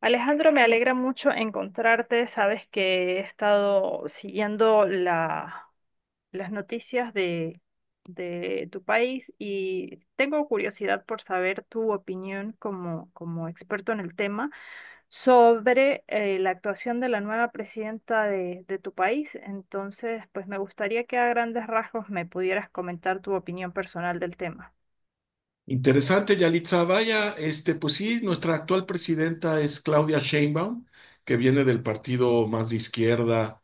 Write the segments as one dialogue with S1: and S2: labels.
S1: Alejandro, me alegra mucho encontrarte. Sabes que he estado siguiendo las noticias de tu país y tengo curiosidad por saber tu opinión como experto en el tema sobre la actuación de la nueva presidenta de tu país. Entonces, pues me gustaría que a grandes rasgos me pudieras comentar tu opinión personal del tema.
S2: Interesante, Yalitza. Vaya, pues sí, nuestra actual presidenta es Claudia Sheinbaum, que viene del partido más de izquierda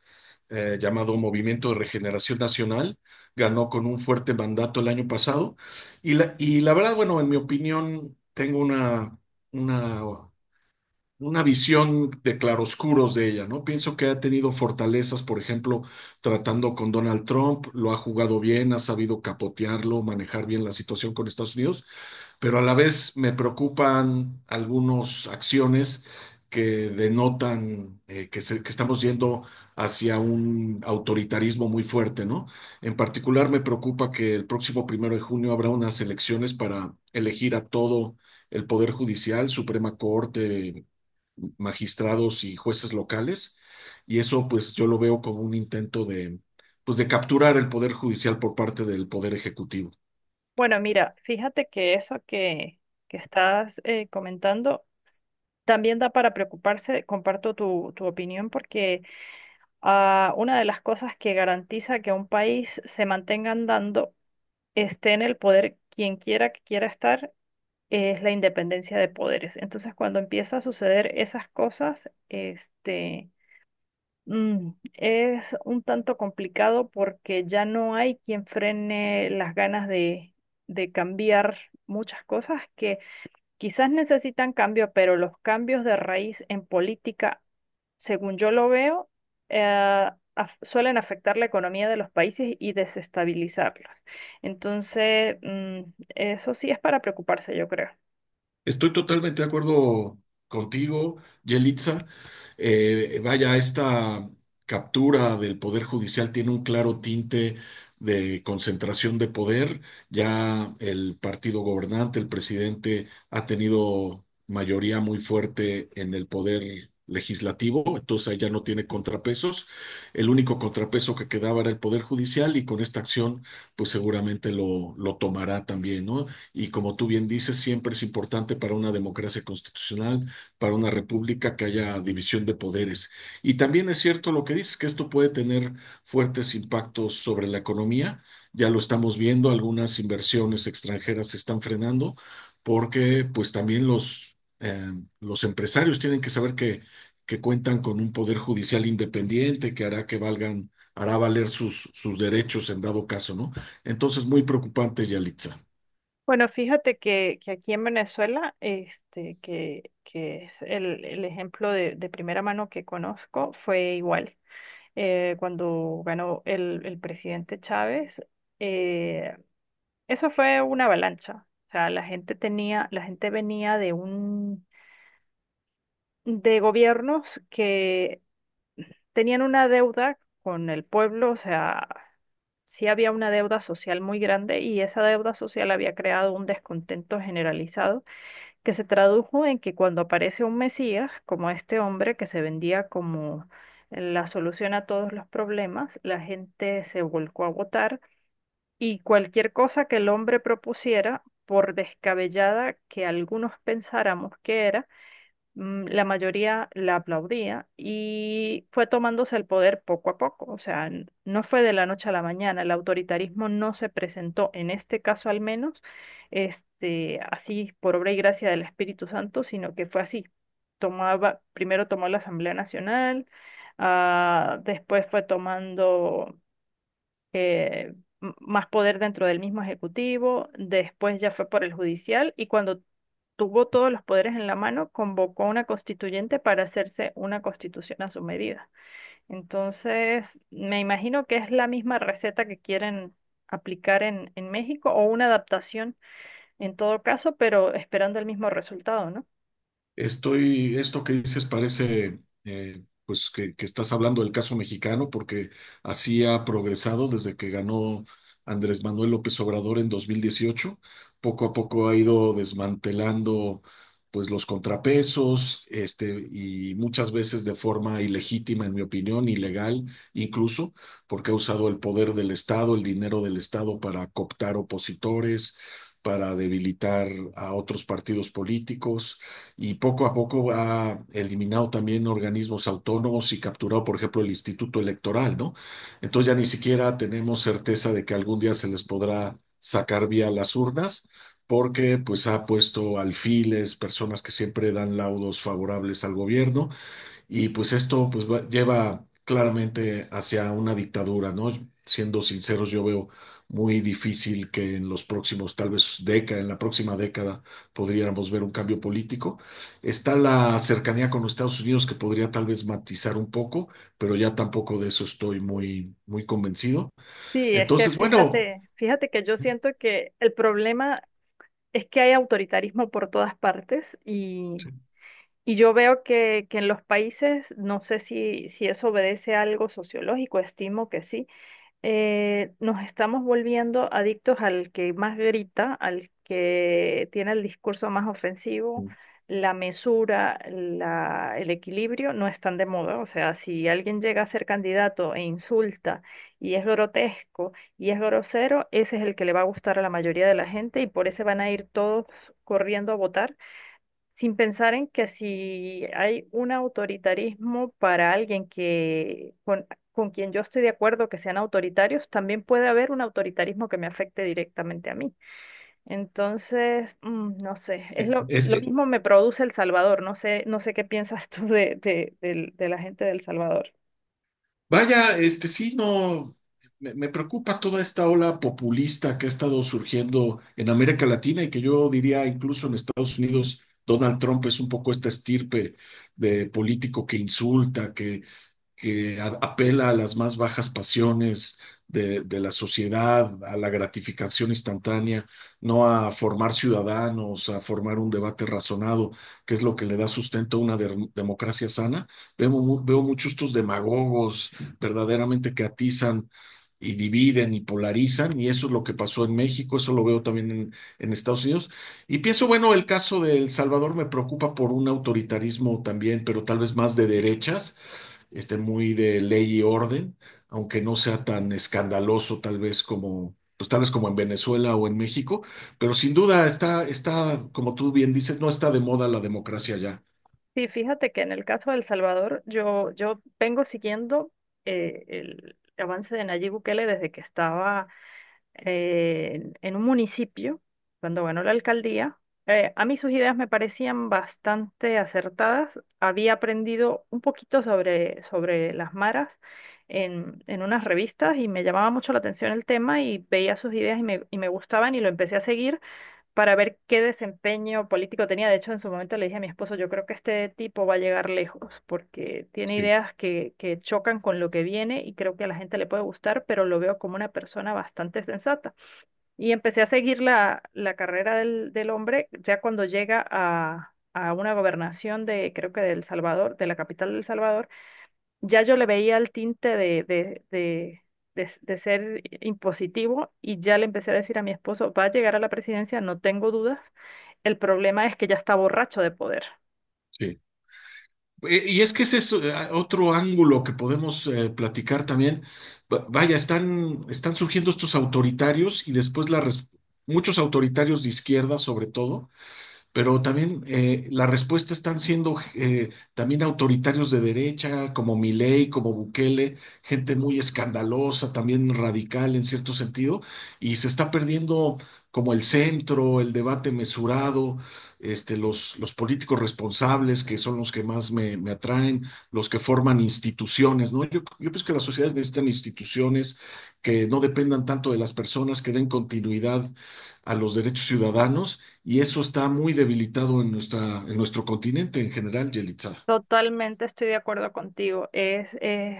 S2: llamado Movimiento de Regeneración Nacional. Ganó con un fuerte mandato el año pasado. Y la verdad, bueno, en mi opinión, tengo una, una visión de claroscuros de ella, ¿no? Pienso que ha tenido fortalezas, por ejemplo, tratando con Donald Trump, lo ha jugado bien, ha sabido capotearlo, manejar bien la situación con Estados Unidos, pero a la vez me preocupan algunas acciones que denotan que estamos yendo hacia un autoritarismo muy fuerte, ¿no? En particular me preocupa que el próximo primero de junio habrá unas elecciones para elegir a todo el Poder Judicial, Suprema Corte, magistrados y jueces locales, y eso pues yo lo veo como un intento de, pues, de capturar el Poder Judicial por parte del Poder Ejecutivo.
S1: Bueno, mira, fíjate que que estás comentando. También da para preocuparse, comparto tu opinión, porque una de las cosas que garantiza que un país se mantenga andando, esté en el poder quien quiera que quiera estar, es la independencia de poderes. Entonces, cuando empieza a suceder esas cosas, este, es un tanto complicado porque ya no hay quien frene las ganas de cambiar muchas cosas que... Quizás necesitan cambio, pero los cambios de raíz en política según yo lo veo, eh, suelen afectar la economía de los países y desestabilizarlos. Entonces, eso sí es para preocuparse, yo creo.
S2: Estoy totalmente de acuerdo contigo, Yelitza. Vaya, esta captura del Poder Judicial tiene un claro tinte de concentración de poder. Ya el partido gobernante, el presidente, ha tenido mayoría muy fuerte en el poder legislativo, entonces ahí ya no tiene contrapesos. El único contrapeso que quedaba era el Poder Judicial y con esta acción, pues seguramente lo tomará también, ¿no? Y como tú bien dices, siempre es importante para una democracia constitucional, para una república que haya división de poderes. Y también es cierto lo que dices, que esto puede tener fuertes impactos sobre la economía. Ya lo estamos viendo, algunas inversiones extranjeras se están frenando porque pues también los empresarios tienen que saber que cuentan con un poder judicial independiente que hará que valgan hará valer sus, sus derechos en dado caso, ¿no? Entonces, muy preocupante, Yalitza.
S1: Bueno, fíjate que aquí en Venezuela, que es el ejemplo de primera mano que conozco, fue igual. Cuando ganó el presidente Chávez, eh, eso fue una avalancha. O sea, la gente tenía, la gente venía de un de gobiernos que tenían una deuda con el pueblo, o sea, sí había una deuda social muy grande y esa deuda social había creado un descontento generalizado que se tradujo en que cuando aparece un Mesías, como este hombre que se vendía como la solución a todos los problemas, la gente se volcó a votar y cualquier cosa que el hombre propusiera, por descabellada que algunos pensáramos que era, la mayoría la aplaudía y fue tomándose el poder poco a poco. O sea, no fue de la noche a la mañana. El autoritarismo no se presentó, en este caso al menos, así por obra y gracia del Espíritu Santo, sino que fue así. Tomaba, primero tomó la Asamblea Nacional, después fue tomando eh, más poder dentro del mismo ejecutivo, después ya fue por el judicial y cuando tuvo todos los poderes en la mano, convocó a una constituyente para hacerse una constitución a su medida. Entonces, me imagino que es la misma receta que quieren aplicar en México o una adaptación en todo caso, pero esperando el mismo resultado, ¿no?
S2: Esto que dices parece, pues que estás hablando del caso mexicano, porque así ha progresado desde que ganó Andrés Manuel López Obrador en 2018. Poco a poco ha ido desmantelando, pues, los contrapesos, y muchas veces de forma ilegítima, en mi opinión, ilegal, incluso, porque ha usado el poder del Estado, el dinero del Estado para cooptar opositores, para debilitar a otros partidos políticos y poco a poco ha eliminado también organismos autónomos y capturado, por ejemplo, el Instituto Electoral, ¿no? Entonces ya ni siquiera tenemos certeza de que algún día se les podrá sacar vía las urnas, porque pues ha puesto alfiles, personas que siempre dan laudos favorables al gobierno y pues esto lleva claramente hacia una dictadura, ¿no? Siendo sinceros, yo veo muy difícil que en los próximos, tal vez década, en la próxima década, podríamos ver un cambio político. Está la cercanía con los Estados Unidos que podría tal vez matizar un poco, pero ya tampoco de eso estoy muy convencido.
S1: Sí, es que
S2: Entonces, bueno,
S1: fíjate, fíjate que yo siento que el problema es que hay autoritarismo por todas partes y
S2: sí,
S1: Y yo veo que en los países, no sé si eso obedece a algo sociológico, estimo que sí, nos estamos volviendo adictos al que más grita, al que tiene el discurso más ofensivo, la mesura, el equilibrio no están de moda. O sea, si alguien llega a ser candidato e insulta y es grotesco y es grosero, ese es el que le va a gustar a la mayoría de la gente y por ese van a ir todos corriendo a votar sin pensar en que si hay un autoritarismo para alguien con quien yo estoy de acuerdo que sean autoritarios, también puede haber un autoritarismo que me afecte directamente a mí. Entonces, no sé, es
S2: Es,
S1: lo mismo me produce El Salvador, no sé, no sé qué piensas tú de la gente de El Salvador.
S2: vaya, sí, no, me preocupa toda esta ola populista que ha estado surgiendo en América Latina y que yo diría incluso en Estados Unidos. Donald Trump es un poco esta estirpe de político que insulta, apela a las más bajas pasiones de la sociedad, a la gratificación instantánea, no a formar ciudadanos, a formar un debate razonado, que es lo que le da sustento a una democracia sana. Veo muchos estos demagogos verdaderamente que atizan y dividen y polarizan, y eso es lo que pasó en México, eso lo veo también en Estados Unidos. Y pienso, bueno, el caso de El Salvador me preocupa por un autoritarismo también, pero tal vez más de derechas, muy de ley y orden, aunque no sea tan escandaloso tal vez como, pues tal vez como en Venezuela o en México, pero sin duda está, como tú bien dices, no está de moda la democracia ya.
S1: Sí, fíjate que en el caso de El Salvador, yo vengo siguiendo el avance de Nayib Bukele desde que estaba en un municipio, cuando ganó la alcaldía, a mí sus ideas me parecían bastante acertadas. Había aprendido un poquito sobre las maras en unas revistas y me llamaba mucho la atención el tema y veía sus ideas y y me gustaban y lo empecé a seguir para ver qué desempeño político tenía. De hecho, en su momento le dije a mi esposo, yo creo que este tipo va a llegar lejos porque tiene
S2: Sí,
S1: ideas que chocan con lo que viene y creo que a la gente le puede gustar, pero lo veo como una persona bastante sensata. Y empecé a seguir la carrera del hombre ya cuando llega a una gobernación de, creo que de El Salvador, de la capital de El Salvador, ya yo le veía el tinte de ser impositivo y ya le empecé a decir a mi esposo, va a llegar a la presidencia, no tengo dudas, el problema es que ya está borracho de poder.
S2: sí. Y es que ese es otro ángulo que podemos platicar también. Vaya, están surgiendo estos autoritarios y después muchos autoritarios de izquierda, sobre todo, pero también la respuesta están siendo también autoritarios de derecha, como Milei, como Bukele, gente muy escandalosa, también radical en cierto sentido, y se está perdiendo como el centro, el debate mesurado, los políticos responsables, que son los que más me atraen, los que forman instituciones, ¿no? Yo pienso que las sociedades necesitan instituciones que no dependan tanto de las personas, que den continuidad a los derechos ciudadanos y eso está muy debilitado en nuestro continente en general, Yelitza.
S1: Totalmente estoy de acuerdo contigo. Es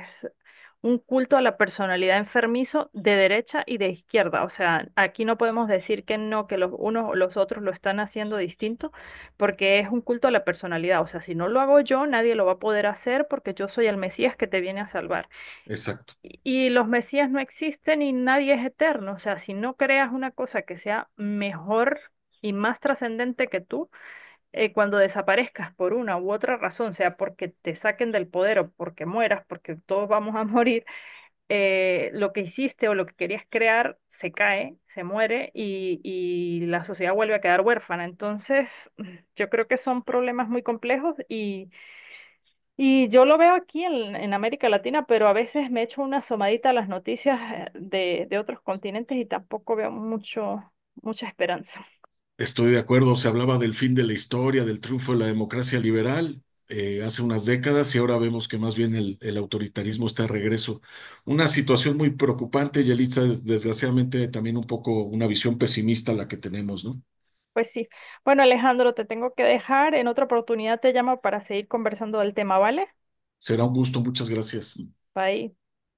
S1: un culto a la personalidad enfermizo de derecha y de izquierda. O sea, aquí no podemos decir que no, que los unos o los otros lo están haciendo distinto, porque es un culto a la personalidad. O sea, si no lo hago yo, nadie lo va a poder hacer porque yo soy el Mesías que te viene a salvar.
S2: Exacto.
S1: Y los Mesías no existen y nadie es eterno. O sea, si no creas una cosa que sea mejor y más trascendente que tú, cuando desaparezcas por una u otra razón, sea porque te saquen del poder o porque mueras, porque todos vamos a morir, lo que hiciste o lo que querías crear se cae, se muere y la sociedad vuelve a quedar huérfana. Entonces, yo creo que son problemas muy complejos y yo lo veo aquí en América Latina, pero a veces me echo una asomadita a las noticias de otros continentes y tampoco veo mucho, mucha esperanza.
S2: Estoy de acuerdo. Se hablaba del fin de la historia, del triunfo de la democracia liberal hace unas décadas y ahora vemos que más bien el autoritarismo está de regreso. Una situación muy preocupante, Yelitza, desgraciadamente también un poco una visión pesimista la que tenemos, ¿no?
S1: Pues sí. Bueno, Alejandro, te tengo que dejar. En otra oportunidad te llamo para seguir conversando del tema, ¿vale?
S2: Será un gusto. Muchas gracias.
S1: Bye.